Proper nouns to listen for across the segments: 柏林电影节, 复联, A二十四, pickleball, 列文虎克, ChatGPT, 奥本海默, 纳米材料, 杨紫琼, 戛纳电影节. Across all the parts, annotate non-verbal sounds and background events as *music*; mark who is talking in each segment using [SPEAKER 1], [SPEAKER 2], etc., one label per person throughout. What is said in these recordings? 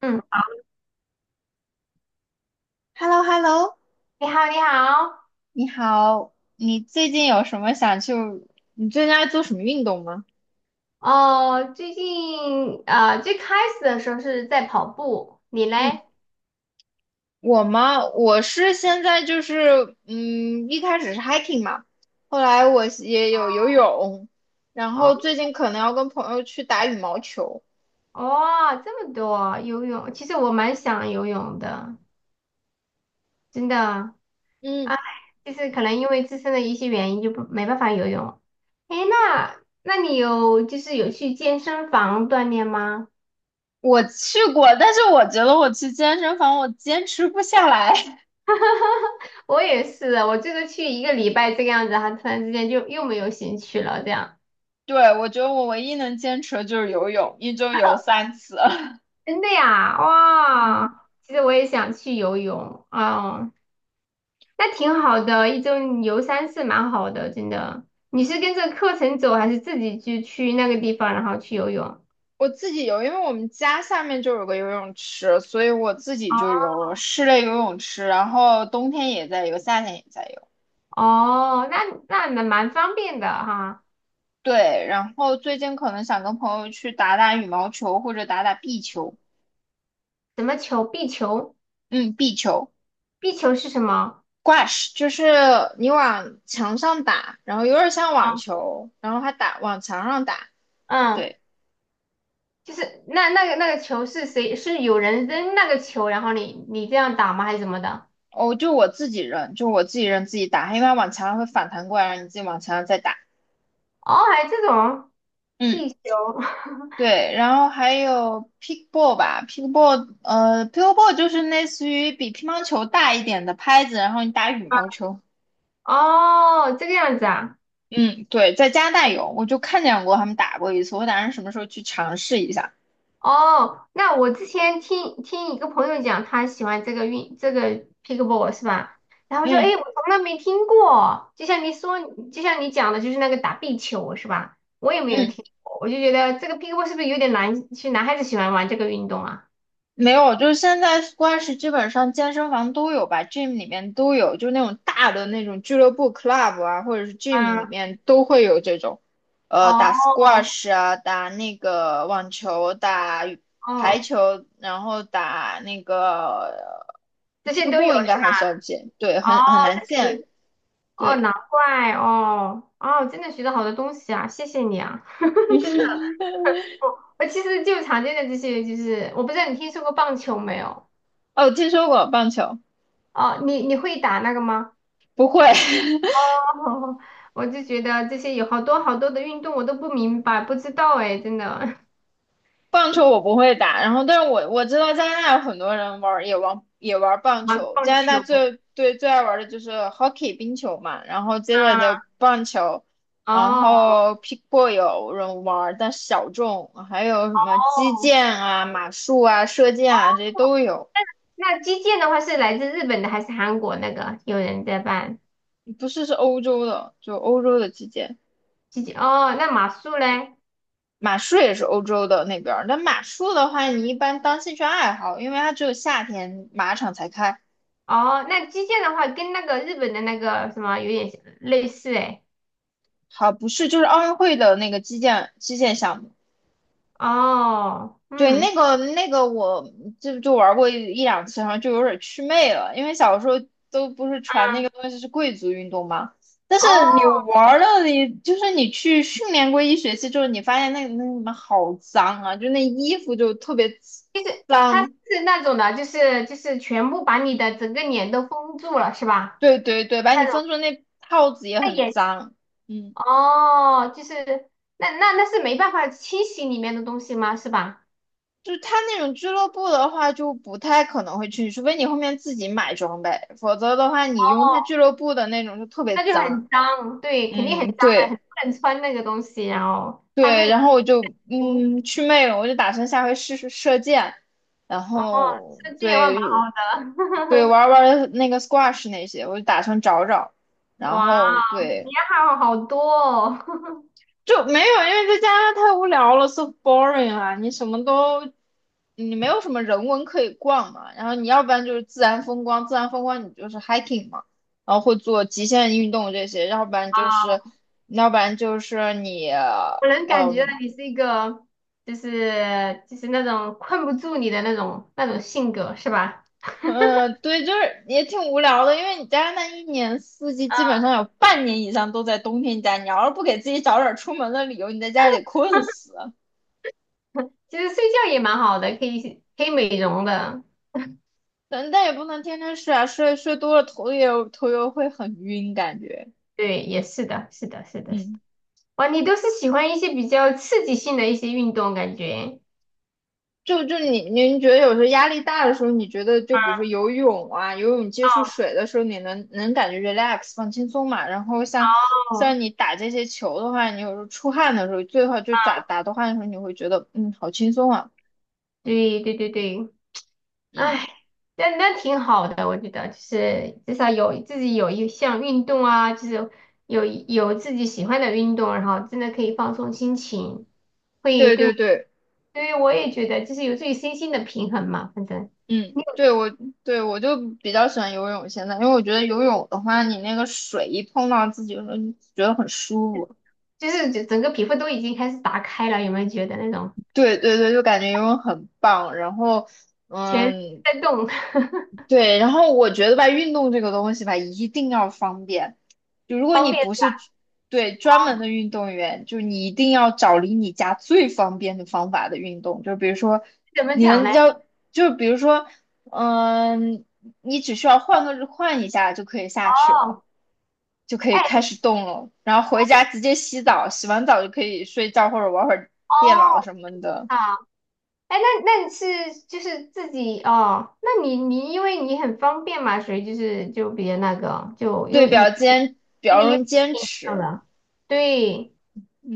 [SPEAKER 1] 嗯，
[SPEAKER 2] h e l l o Hello
[SPEAKER 1] 你好，你好。
[SPEAKER 2] 你好，你最近有什么想去？你最近爱做什么运动吗？
[SPEAKER 1] 哦，最近最开始的时候是在跑步，你
[SPEAKER 2] 嗯，
[SPEAKER 1] 嘞？
[SPEAKER 2] 我吗？我是现在就是，一开始是 hiking 嘛，后来我也有游泳，然
[SPEAKER 1] 哦，
[SPEAKER 2] 后最近可能要跟朋友去打羽毛球。
[SPEAKER 1] 哦，这么多游泳，其实我蛮想游泳的，真的。
[SPEAKER 2] 嗯，
[SPEAKER 1] 哎，就是可能因为自身的一些原因，就不没办法游泳。哎，那你有就是有去健身房锻炼吗？
[SPEAKER 2] 我去过，但是我觉得我去健身房我坚持不下来。*laughs*
[SPEAKER 1] 我也是，我这个去一个礼拜这个样子，还突然之间就又没有兴趣了，这样。
[SPEAKER 2] 对，我觉得我唯一能坚持的就是游泳，一周游三次。
[SPEAKER 1] 真的呀，哇！
[SPEAKER 2] *laughs*
[SPEAKER 1] 其实我也想去游泳哦，那挺好的，一周你游三次蛮好的，真的。你是跟着课程走，还是自己就去那个地方，然后去游泳？
[SPEAKER 2] 我自己游，因为我们家下面就有个游泳池，所以我自己
[SPEAKER 1] 哦，
[SPEAKER 2] 就游了室内游泳池，然后冬天也在游，夏天也在游。
[SPEAKER 1] 哦那那蛮方便的哈。
[SPEAKER 2] 对，然后最近可能想跟朋友去打打羽毛球或者打打壁球，
[SPEAKER 1] 什么球？壁球？
[SPEAKER 2] 嗯，壁球
[SPEAKER 1] 壁球是什么？
[SPEAKER 2] ，squash 就是你往墙上打，然后有点像网
[SPEAKER 1] 啊，
[SPEAKER 2] 球，然后还打往墙上打。
[SPEAKER 1] 嗯，
[SPEAKER 2] 对，
[SPEAKER 1] 就是那个球是谁？是有人扔那个球，然后你这样打吗？还是什么的？
[SPEAKER 2] 哦，就我自己扔，就我自己扔自己打，因为它往墙上会反弹过来，让你自己往墙上再打。
[SPEAKER 1] 哦，还有这种
[SPEAKER 2] 嗯。
[SPEAKER 1] 壁球？*laughs*
[SPEAKER 2] 对，然后还有 pickleball 吧，pickleball 就是类似于比乒乓球大一点的拍子，然后你打羽毛球。
[SPEAKER 1] 哦，这个样子啊。
[SPEAKER 2] 嗯，对，在加拿大有，我就看见过他们打过一次，我打算什么时候去尝试一下。
[SPEAKER 1] 哦，那我之前听一个朋友讲，他喜欢这个运这个 pickleball 是吧？然后就诶，
[SPEAKER 2] 嗯
[SPEAKER 1] 我从来没听过，就像你说，就像你讲的，就是那个打壁球是吧？我也没有
[SPEAKER 2] 嗯，
[SPEAKER 1] 听过，我就觉得这个 pickleball 是不是有点难？是男孩子喜欢玩这个运动啊？
[SPEAKER 2] 没有，就是现在 squash 基本上健身房都有吧，gym 里面都有，就那种大的那种俱乐部 club 啊，或者是 gym 里
[SPEAKER 1] 嗯，
[SPEAKER 2] 面都会有这种，打
[SPEAKER 1] 哦
[SPEAKER 2] squash 啊，打那个网球，打羽排
[SPEAKER 1] 哦，
[SPEAKER 2] 球，然后打那个
[SPEAKER 1] 这些都有
[SPEAKER 2] pickleball 应该
[SPEAKER 1] 是吧？
[SPEAKER 2] 很少见，对，
[SPEAKER 1] 哦，
[SPEAKER 2] 很难
[SPEAKER 1] 这些都
[SPEAKER 2] 见，
[SPEAKER 1] 有，哦，
[SPEAKER 2] 对，
[SPEAKER 1] 难怪哦哦，真的学到好多东西啊，谢谢你啊，*laughs* 真的。
[SPEAKER 2] *laughs*
[SPEAKER 1] 我其实就常见的这些，就是我不知道你听说过棒球没有？
[SPEAKER 2] 哦，听说过棒球，
[SPEAKER 1] 哦，你会打那个吗？
[SPEAKER 2] 不会，
[SPEAKER 1] 哦，
[SPEAKER 2] *laughs*
[SPEAKER 1] *laughs* 我就觉得这些有好多好多的运动我都不明白，不知道哎，真的。*laughs*
[SPEAKER 2] 棒球我不会打，然后但是我知道加拿大有很多人玩棒
[SPEAKER 1] 玩
[SPEAKER 2] 球，
[SPEAKER 1] 棒
[SPEAKER 2] 加拿大
[SPEAKER 1] 球。
[SPEAKER 2] 最爱玩的就是 hockey 冰球嘛，然后接下来就棒球，然
[SPEAKER 1] 哦
[SPEAKER 2] 后 pickle 有人玩但小众，还有什么击
[SPEAKER 1] 哦，
[SPEAKER 2] 剑啊、马术啊、射箭啊这些都有，
[SPEAKER 1] 那击剑的话是来自日本的还是韩国那个？有人在办
[SPEAKER 2] 不是，是欧洲的，就欧洲的击剑，
[SPEAKER 1] 击剑哦，那马术嘞？
[SPEAKER 2] 马术也是欧洲的那边儿，但马术的话你一般当兴趣爱好，因为它只有夏天马场才开。
[SPEAKER 1] 哦，那击剑的话跟那个日本的那个什么有点类似哎。
[SPEAKER 2] 好，不是，就是奥运会的那个击剑项目。
[SPEAKER 1] 哦，
[SPEAKER 2] 对，
[SPEAKER 1] 嗯。
[SPEAKER 2] 那个我就玩过一两次，然后就有点祛魅了，因为小时候都不是传那个东西是贵族运动嘛。但
[SPEAKER 1] 哦，
[SPEAKER 2] 是你玩了，你就是你去训练过一学期之后，你发现那什么好脏啊，就那衣服就特别
[SPEAKER 1] 就是它是
[SPEAKER 2] 脏。
[SPEAKER 1] 那种的，就是全部把你的整个脸都封住了，是吧？
[SPEAKER 2] 对对对，把你
[SPEAKER 1] 那
[SPEAKER 2] 分
[SPEAKER 1] 种，
[SPEAKER 2] 出那套子也
[SPEAKER 1] 那
[SPEAKER 2] 很
[SPEAKER 1] 也。
[SPEAKER 2] 脏。嗯。
[SPEAKER 1] 哦，就是那是没办法清洗里面的东西吗？是吧？
[SPEAKER 2] 就他那种俱乐部的话，就不太可能会去，除非你后面自己买装备，否则的话，你用他俱乐部的那种就特别
[SPEAKER 1] 那就
[SPEAKER 2] 脏。
[SPEAKER 1] 很脏，对，肯定很
[SPEAKER 2] 嗯，
[SPEAKER 1] 脏的，
[SPEAKER 2] 对
[SPEAKER 1] 很多人穿那个东西，然后他们
[SPEAKER 2] 对，
[SPEAKER 1] 也
[SPEAKER 2] 然后我就
[SPEAKER 1] 不，
[SPEAKER 2] 去魅了，我就打算下回试试射箭，然
[SPEAKER 1] 哦，
[SPEAKER 2] 后
[SPEAKER 1] 设计也蛮
[SPEAKER 2] 对
[SPEAKER 1] 好
[SPEAKER 2] 对
[SPEAKER 1] 的，
[SPEAKER 2] 玩儿玩儿那个 squash 那些，我就打算找找，
[SPEAKER 1] *laughs*
[SPEAKER 2] 然
[SPEAKER 1] 哇，
[SPEAKER 2] 后对
[SPEAKER 1] 你还好好多哦，*laughs*
[SPEAKER 2] 就没有，因为在加拿大太无聊了，so boring 啊！你什么都，你没有什么人文可以逛嘛。然后你要不然就是自然风光，自然风光你就是 hiking 嘛，然后会做极限运动这些，要不然就是，
[SPEAKER 1] 啊，
[SPEAKER 2] 要不然就是你，
[SPEAKER 1] 我能感觉到
[SPEAKER 2] 嗯
[SPEAKER 1] 你是一个，就是那种困不住你的那种性格，是吧？
[SPEAKER 2] 嗯，对，就是也挺无聊的，因为你加拿大一年四季基本
[SPEAKER 1] 啊，
[SPEAKER 2] 上有半年以上都在冬天家，你要是不给自己找点儿出门的理由，你在家里得困
[SPEAKER 1] *laughs*
[SPEAKER 2] 死。
[SPEAKER 1] 其实睡觉也蛮好的，可以美容的。
[SPEAKER 2] 但也不能天天睡啊，睡多了头也会很晕，感觉。
[SPEAKER 1] 对，也是的，是的，是的，是的。
[SPEAKER 2] 嗯，
[SPEAKER 1] 哇，你都是喜欢一些比较刺激性的一些运动，感觉。
[SPEAKER 2] 就您觉得有时候压力大的时候，你觉得就比如说游泳啊，游泳接触水的时候，你能感觉 relax 放轻松嘛？然后像
[SPEAKER 1] 哦，
[SPEAKER 2] 像你打这些球的话，你有时候出汗的时候，最好就打打的汗的时候，你会觉得嗯好轻松啊。
[SPEAKER 1] 对对对对，
[SPEAKER 2] 嗯，
[SPEAKER 1] 哎，那那挺好的，我觉得就是至少有自己有一项运动啊，就是有自己喜欢的运动，然后真的可以放松心情，会
[SPEAKER 2] 对
[SPEAKER 1] 对
[SPEAKER 2] 对对，
[SPEAKER 1] 对我也觉得就是有助于身心的平衡嘛，反正。
[SPEAKER 2] 嗯，对我就比较喜欢游泳现在，因为我觉得游泳的话，你那个水一碰到自己的时候，你觉得很舒服。
[SPEAKER 1] 就是整整个皮肤都已经开始打开了，有没有觉得那种
[SPEAKER 2] 对对对，就感觉游泳很棒。然后，
[SPEAKER 1] 全身
[SPEAKER 2] 嗯，
[SPEAKER 1] 在动？*laughs*
[SPEAKER 2] 对，然后我觉得吧，运动这个东西吧，一定要方便。就如果
[SPEAKER 1] 方
[SPEAKER 2] 你
[SPEAKER 1] 便
[SPEAKER 2] 不是对专门的运动员，就你一定要找离你家最方便的方法的运动。就比如说，
[SPEAKER 1] 怎么
[SPEAKER 2] 你
[SPEAKER 1] 讲
[SPEAKER 2] 能
[SPEAKER 1] 呢？
[SPEAKER 2] 要，就比如说，嗯，你只需要换一下就可以下去了，
[SPEAKER 1] 哦，
[SPEAKER 2] 就可以
[SPEAKER 1] 哎，
[SPEAKER 2] 开始动了。然后回家直接洗澡，洗完澡就可以睡觉或者玩会儿
[SPEAKER 1] 哦，
[SPEAKER 2] 电脑什么的。
[SPEAKER 1] 好，哎，那那你是就是自己哦，那你你因为你很方便嘛，所以就是就比较那个，就
[SPEAKER 2] 对，
[SPEAKER 1] 又你
[SPEAKER 2] 比
[SPEAKER 1] 离
[SPEAKER 2] 较
[SPEAKER 1] 你
[SPEAKER 2] 容
[SPEAKER 1] 又
[SPEAKER 2] 易坚
[SPEAKER 1] 近上
[SPEAKER 2] 持。
[SPEAKER 1] 了，对，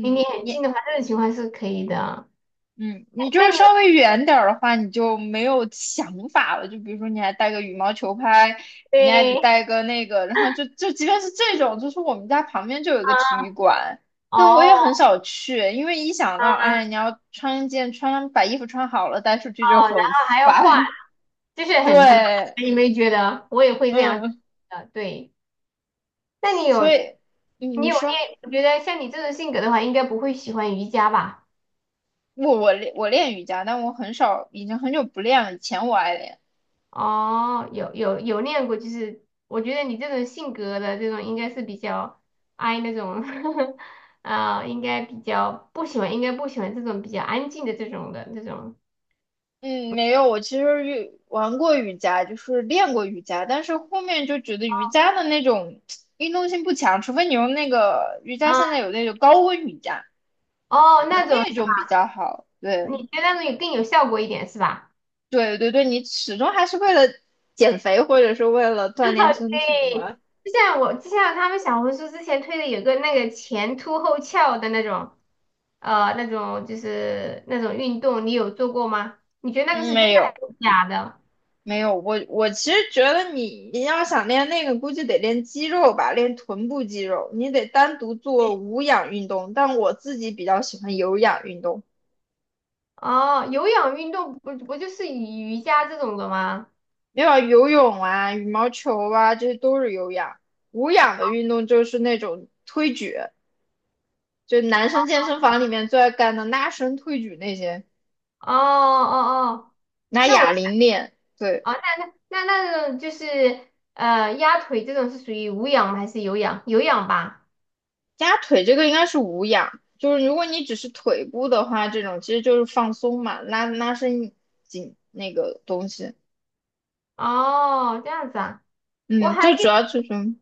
[SPEAKER 1] 离你很近的话，这种情况是可以的。
[SPEAKER 2] 你就
[SPEAKER 1] 那
[SPEAKER 2] 是
[SPEAKER 1] 你们
[SPEAKER 2] 稍微远点儿的话，你就没有想法了。就比如说，你还带个羽毛球拍，你还得
[SPEAKER 1] 对
[SPEAKER 2] 带个那个，然后就即便是这种，就是我们家旁边就有一个体
[SPEAKER 1] 啊，
[SPEAKER 2] 育馆，但我也
[SPEAKER 1] 哦，
[SPEAKER 2] 很少去，因为一想到，
[SPEAKER 1] 啊，
[SPEAKER 2] 哎，你要穿一件穿把衣服穿好了带出去就
[SPEAKER 1] 然
[SPEAKER 2] 很
[SPEAKER 1] 后还要换，
[SPEAKER 2] 烦。
[SPEAKER 1] 就是
[SPEAKER 2] *laughs*
[SPEAKER 1] 很麻
[SPEAKER 2] 对，
[SPEAKER 1] 烦，你没觉得？我也会这样子
[SPEAKER 2] 嗯，
[SPEAKER 1] 的，对。那你有
[SPEAKER 2] 所以你
[SPEAKER 1] 你
[SPEAKER 2] 你
[SPEAKER 1] 有
[SPEAKER 2] 说
[SPEAKER 1] 练？我觉得像你这种性格的话，应该不会喜欢瑜伽吧？
[SPEAKER 2] 我练瑜伽，但我很少，已经很久不练了。以前我爱练。
[SPEAKER 1] 哦，有练过，就是我觉得你这种性格的这种应该是比较 I 那种，*laughs* 啊、应该比较不喜欢，应该不喜欢这种比较安静的这种。
[SPEAKER 2] 嗯，没有，我其实玩过瑜伽，就是练过瑜伽，但是后面就觉得瑜伽的那种运动性不强，除非你用那个瑜伽，
[SPEAKER 1] 啊，
[SPEAKER 2] 现在有那种高温瑜伽，
[SPEAKER 1] 哦，
[SPEAKER 2] 可
[SPEAKER 1] 那
[SPEAKER 2] 能
[SPEAKER 1] 种
[SPEAKER 2] 那种比较好。对，
[SPEAKER 1] 你觉得那种有更有效果一点是吧？
[SPEAKER 2] 对对对，你始终还是为了减肥或者是为了锻炼身体
[SPEAKER 1] 对，
[SPEAKER 2] 嘛。
[SPEAKER 1] 就像我就像他们小红书之前推的有个那个前凸后翘的那种，那种就是那种运动，你有做过吗？你觉得那个是
[SPEAKER 2] 嗯，
[SPEAKER 1] 真的
[SPEAKER 2] 没
[SPEAKER 1] 还
[SPEAKER 2] 有
[SPEAKER 1] 是假的？
[SPEAKER 2] 没有，我其实觉得你要想练那个，估计得练肌肉吧，练臀部肌肉，你得单独做
[SPEAKER 1] 嗯
[SPEAKER 2] 无氧运动，但我自己比较喜欢有氧运动。
[SPEAKER 1] 哦，有氧运动不就是瑜伽这种的吗？
[SPEAKER 2] 没有游泳啊、羽毛球啊，这些都是有氧。无氧的运动就是那种推举，就男生健身房里面最爱干的拉伸、推举那些，
[SPEAKER 1] 哦哦哦，
[SPEAKER 2] 拿
[SPEAKER 1] 那
[SPEAKER 2] 哑
[SPEAKER 1] 我
[SPEAKER 2] 铃练。对，
[SPEAKER 1] 啊那那那种就是压腿这种是属于无氧还是有氧？有氧吧？
[SPEAKER 2] 加腿这个应该是无氧，就是如果你只是腿部的话，这种其实就是放松嘛，拉伸紧那个东西。
[SPEAKER 1] 哦，这样子啊，我
[SPEAKER 2] 嗯，
[SPEAKER 1] 还
[SPEAKER 2] 就主
[SPEAKER 1] 一
[SPEAKER 2] 要这种。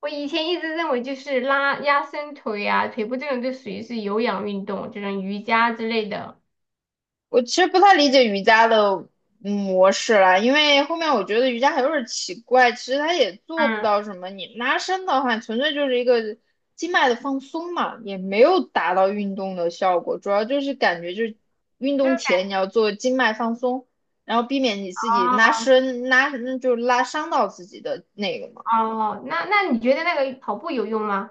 [SPEAKER 1] 我以前一直认为就是拉压伸腿啊、腿部这种就属于是有氧运动，这种瑜伽之类的。
[SPEAKER 2] 我其实不太理解瑜伽的模式啦，因为后面我觉得瑜伽还有点奇怪，其实它也做不
[SPEAKER 1] 嗯，
[SPEAKER 2] 到什么。你拉伸的话，纯粹就是一个经脉的放松嘛，也没有达到运动的效果。主要就是感觉就是运
[SPEAKER 1] 就
[SPEAKER 2] 动
[SPEAKER 1] 是。
[SPEAKER 2] 前你要做经脉放松，然后避免你自己拉
[SPEAKER 1] 哦。
[SPEAKER 2] 伸就是拉伤到自己的那个嘛。
[SPEAKER 1] 哦，那那你觉得那个跑步有用吗？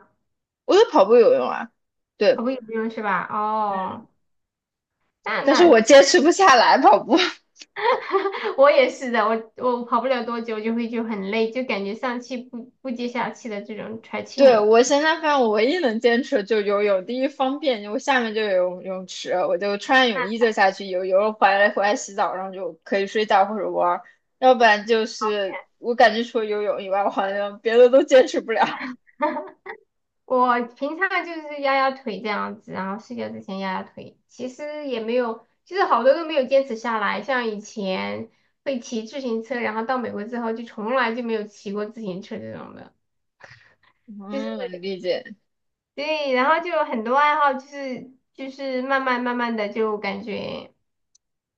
[SPEAKER 2] 我觉得跑步有用啊，对，
[SPEAKER 1] 跑步有用是吧？
[SPEAKER 2] 嗯，
[SPEAKER 1] 哦，那
[SPEAKER 2] 但是
[SPEAKER 1] 那
[SPEAKER 2] 我坚持不下来跑步。*laughs*
[SPEAKER 1] *laughs* 我也是的，我跑不了多久就会就很累，就感觉上气不接下气的这种喘气
[SPEAKER 2] 对，
[SPEAKER 1] 很。
[SPEAKER 2] 我现在发现我唯一能坚持的就是游泳，第一方便，我下面就有泳池，我就穿上泳衣就下去游，游了回来洗澡，然后就可以睡觉或者玩儿，要不然就是我感觉除了游泳以外，我好像别的都坚持不了。
[SPEAKER 1] 我平常就是压压腿这样子，然后睡觉之前压压腿，其实也没有，就是好多都没有坚持下来。像以前会骑自行车，然后到美国之后就从来就没有骑过自行车这种的。
[SPEAKER 2] *laughs*
[SPEAKER 1] 就
[SPEAKER 2] 嗯，理解。
[SPEAKER 1] 对，然后就有很多爱好就是慢慢慢慢的就感觉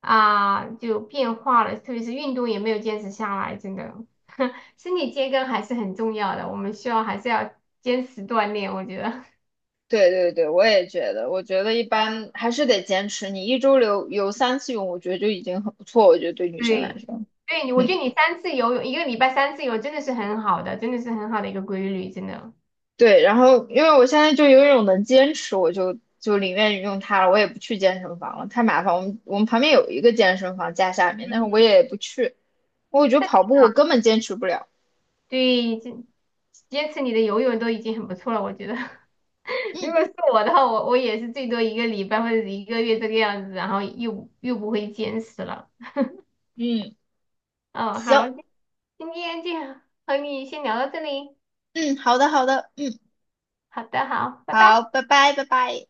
[SPEAKER 1] 啊就变化了，特别是运动也没有坚持下来，真的，*laughs* 身体健康还是很重要的，我们需要还是要坚持锻炼，我觉得。
[SPEAKER 2] 对对对，我也觉得，我觉得一般还是得坚持，你一周游三次泳，我觉得就已经很不错，我觉得对
[SPEAKER 1] *laughs*
[SPEAKER 2] 女生来
[SPEAKER 1] 对，
[SPEAKER 2] 说，
[SPEAKER 1] 对，我觉
[SPEAKER 2] 嗯。
[SPEAKER 1] 得你三次游泳，一个礼拜三次游真的是很好的，真的是很好的一个规律，真的。
[SPEAKER 2] 对，然后因为我现在就有一种能坚持，我就宁愿用它了，我也不去健身房了，太麻烦。我们旁边有一个健身房家下面，但是我也不去，我觉得跑步我根本坚持不了。
[SPEAKER 1] 对，坚持你的游泳都已经很不错了，我觉得。*laughs* 如
[SPEAKER 2] 嗯
[SPEAKER 1] 果是我的话，我也是最多一个礼拜或者一个月这个样子，然后又不会坚持了。
[SPEAKER 2] 嗯，
[SPEAKER 1] 嗯，好，
[SPEAKER 2] 行，
[SPEAKER 1] 今天就和你先聊到这里。
[SPEAKER 2] 嗯，好的好的，嗯，
[SPEAKER 1] 好的，好，拜拜。
[SPEAKER 2] 好，拜拜拜拜。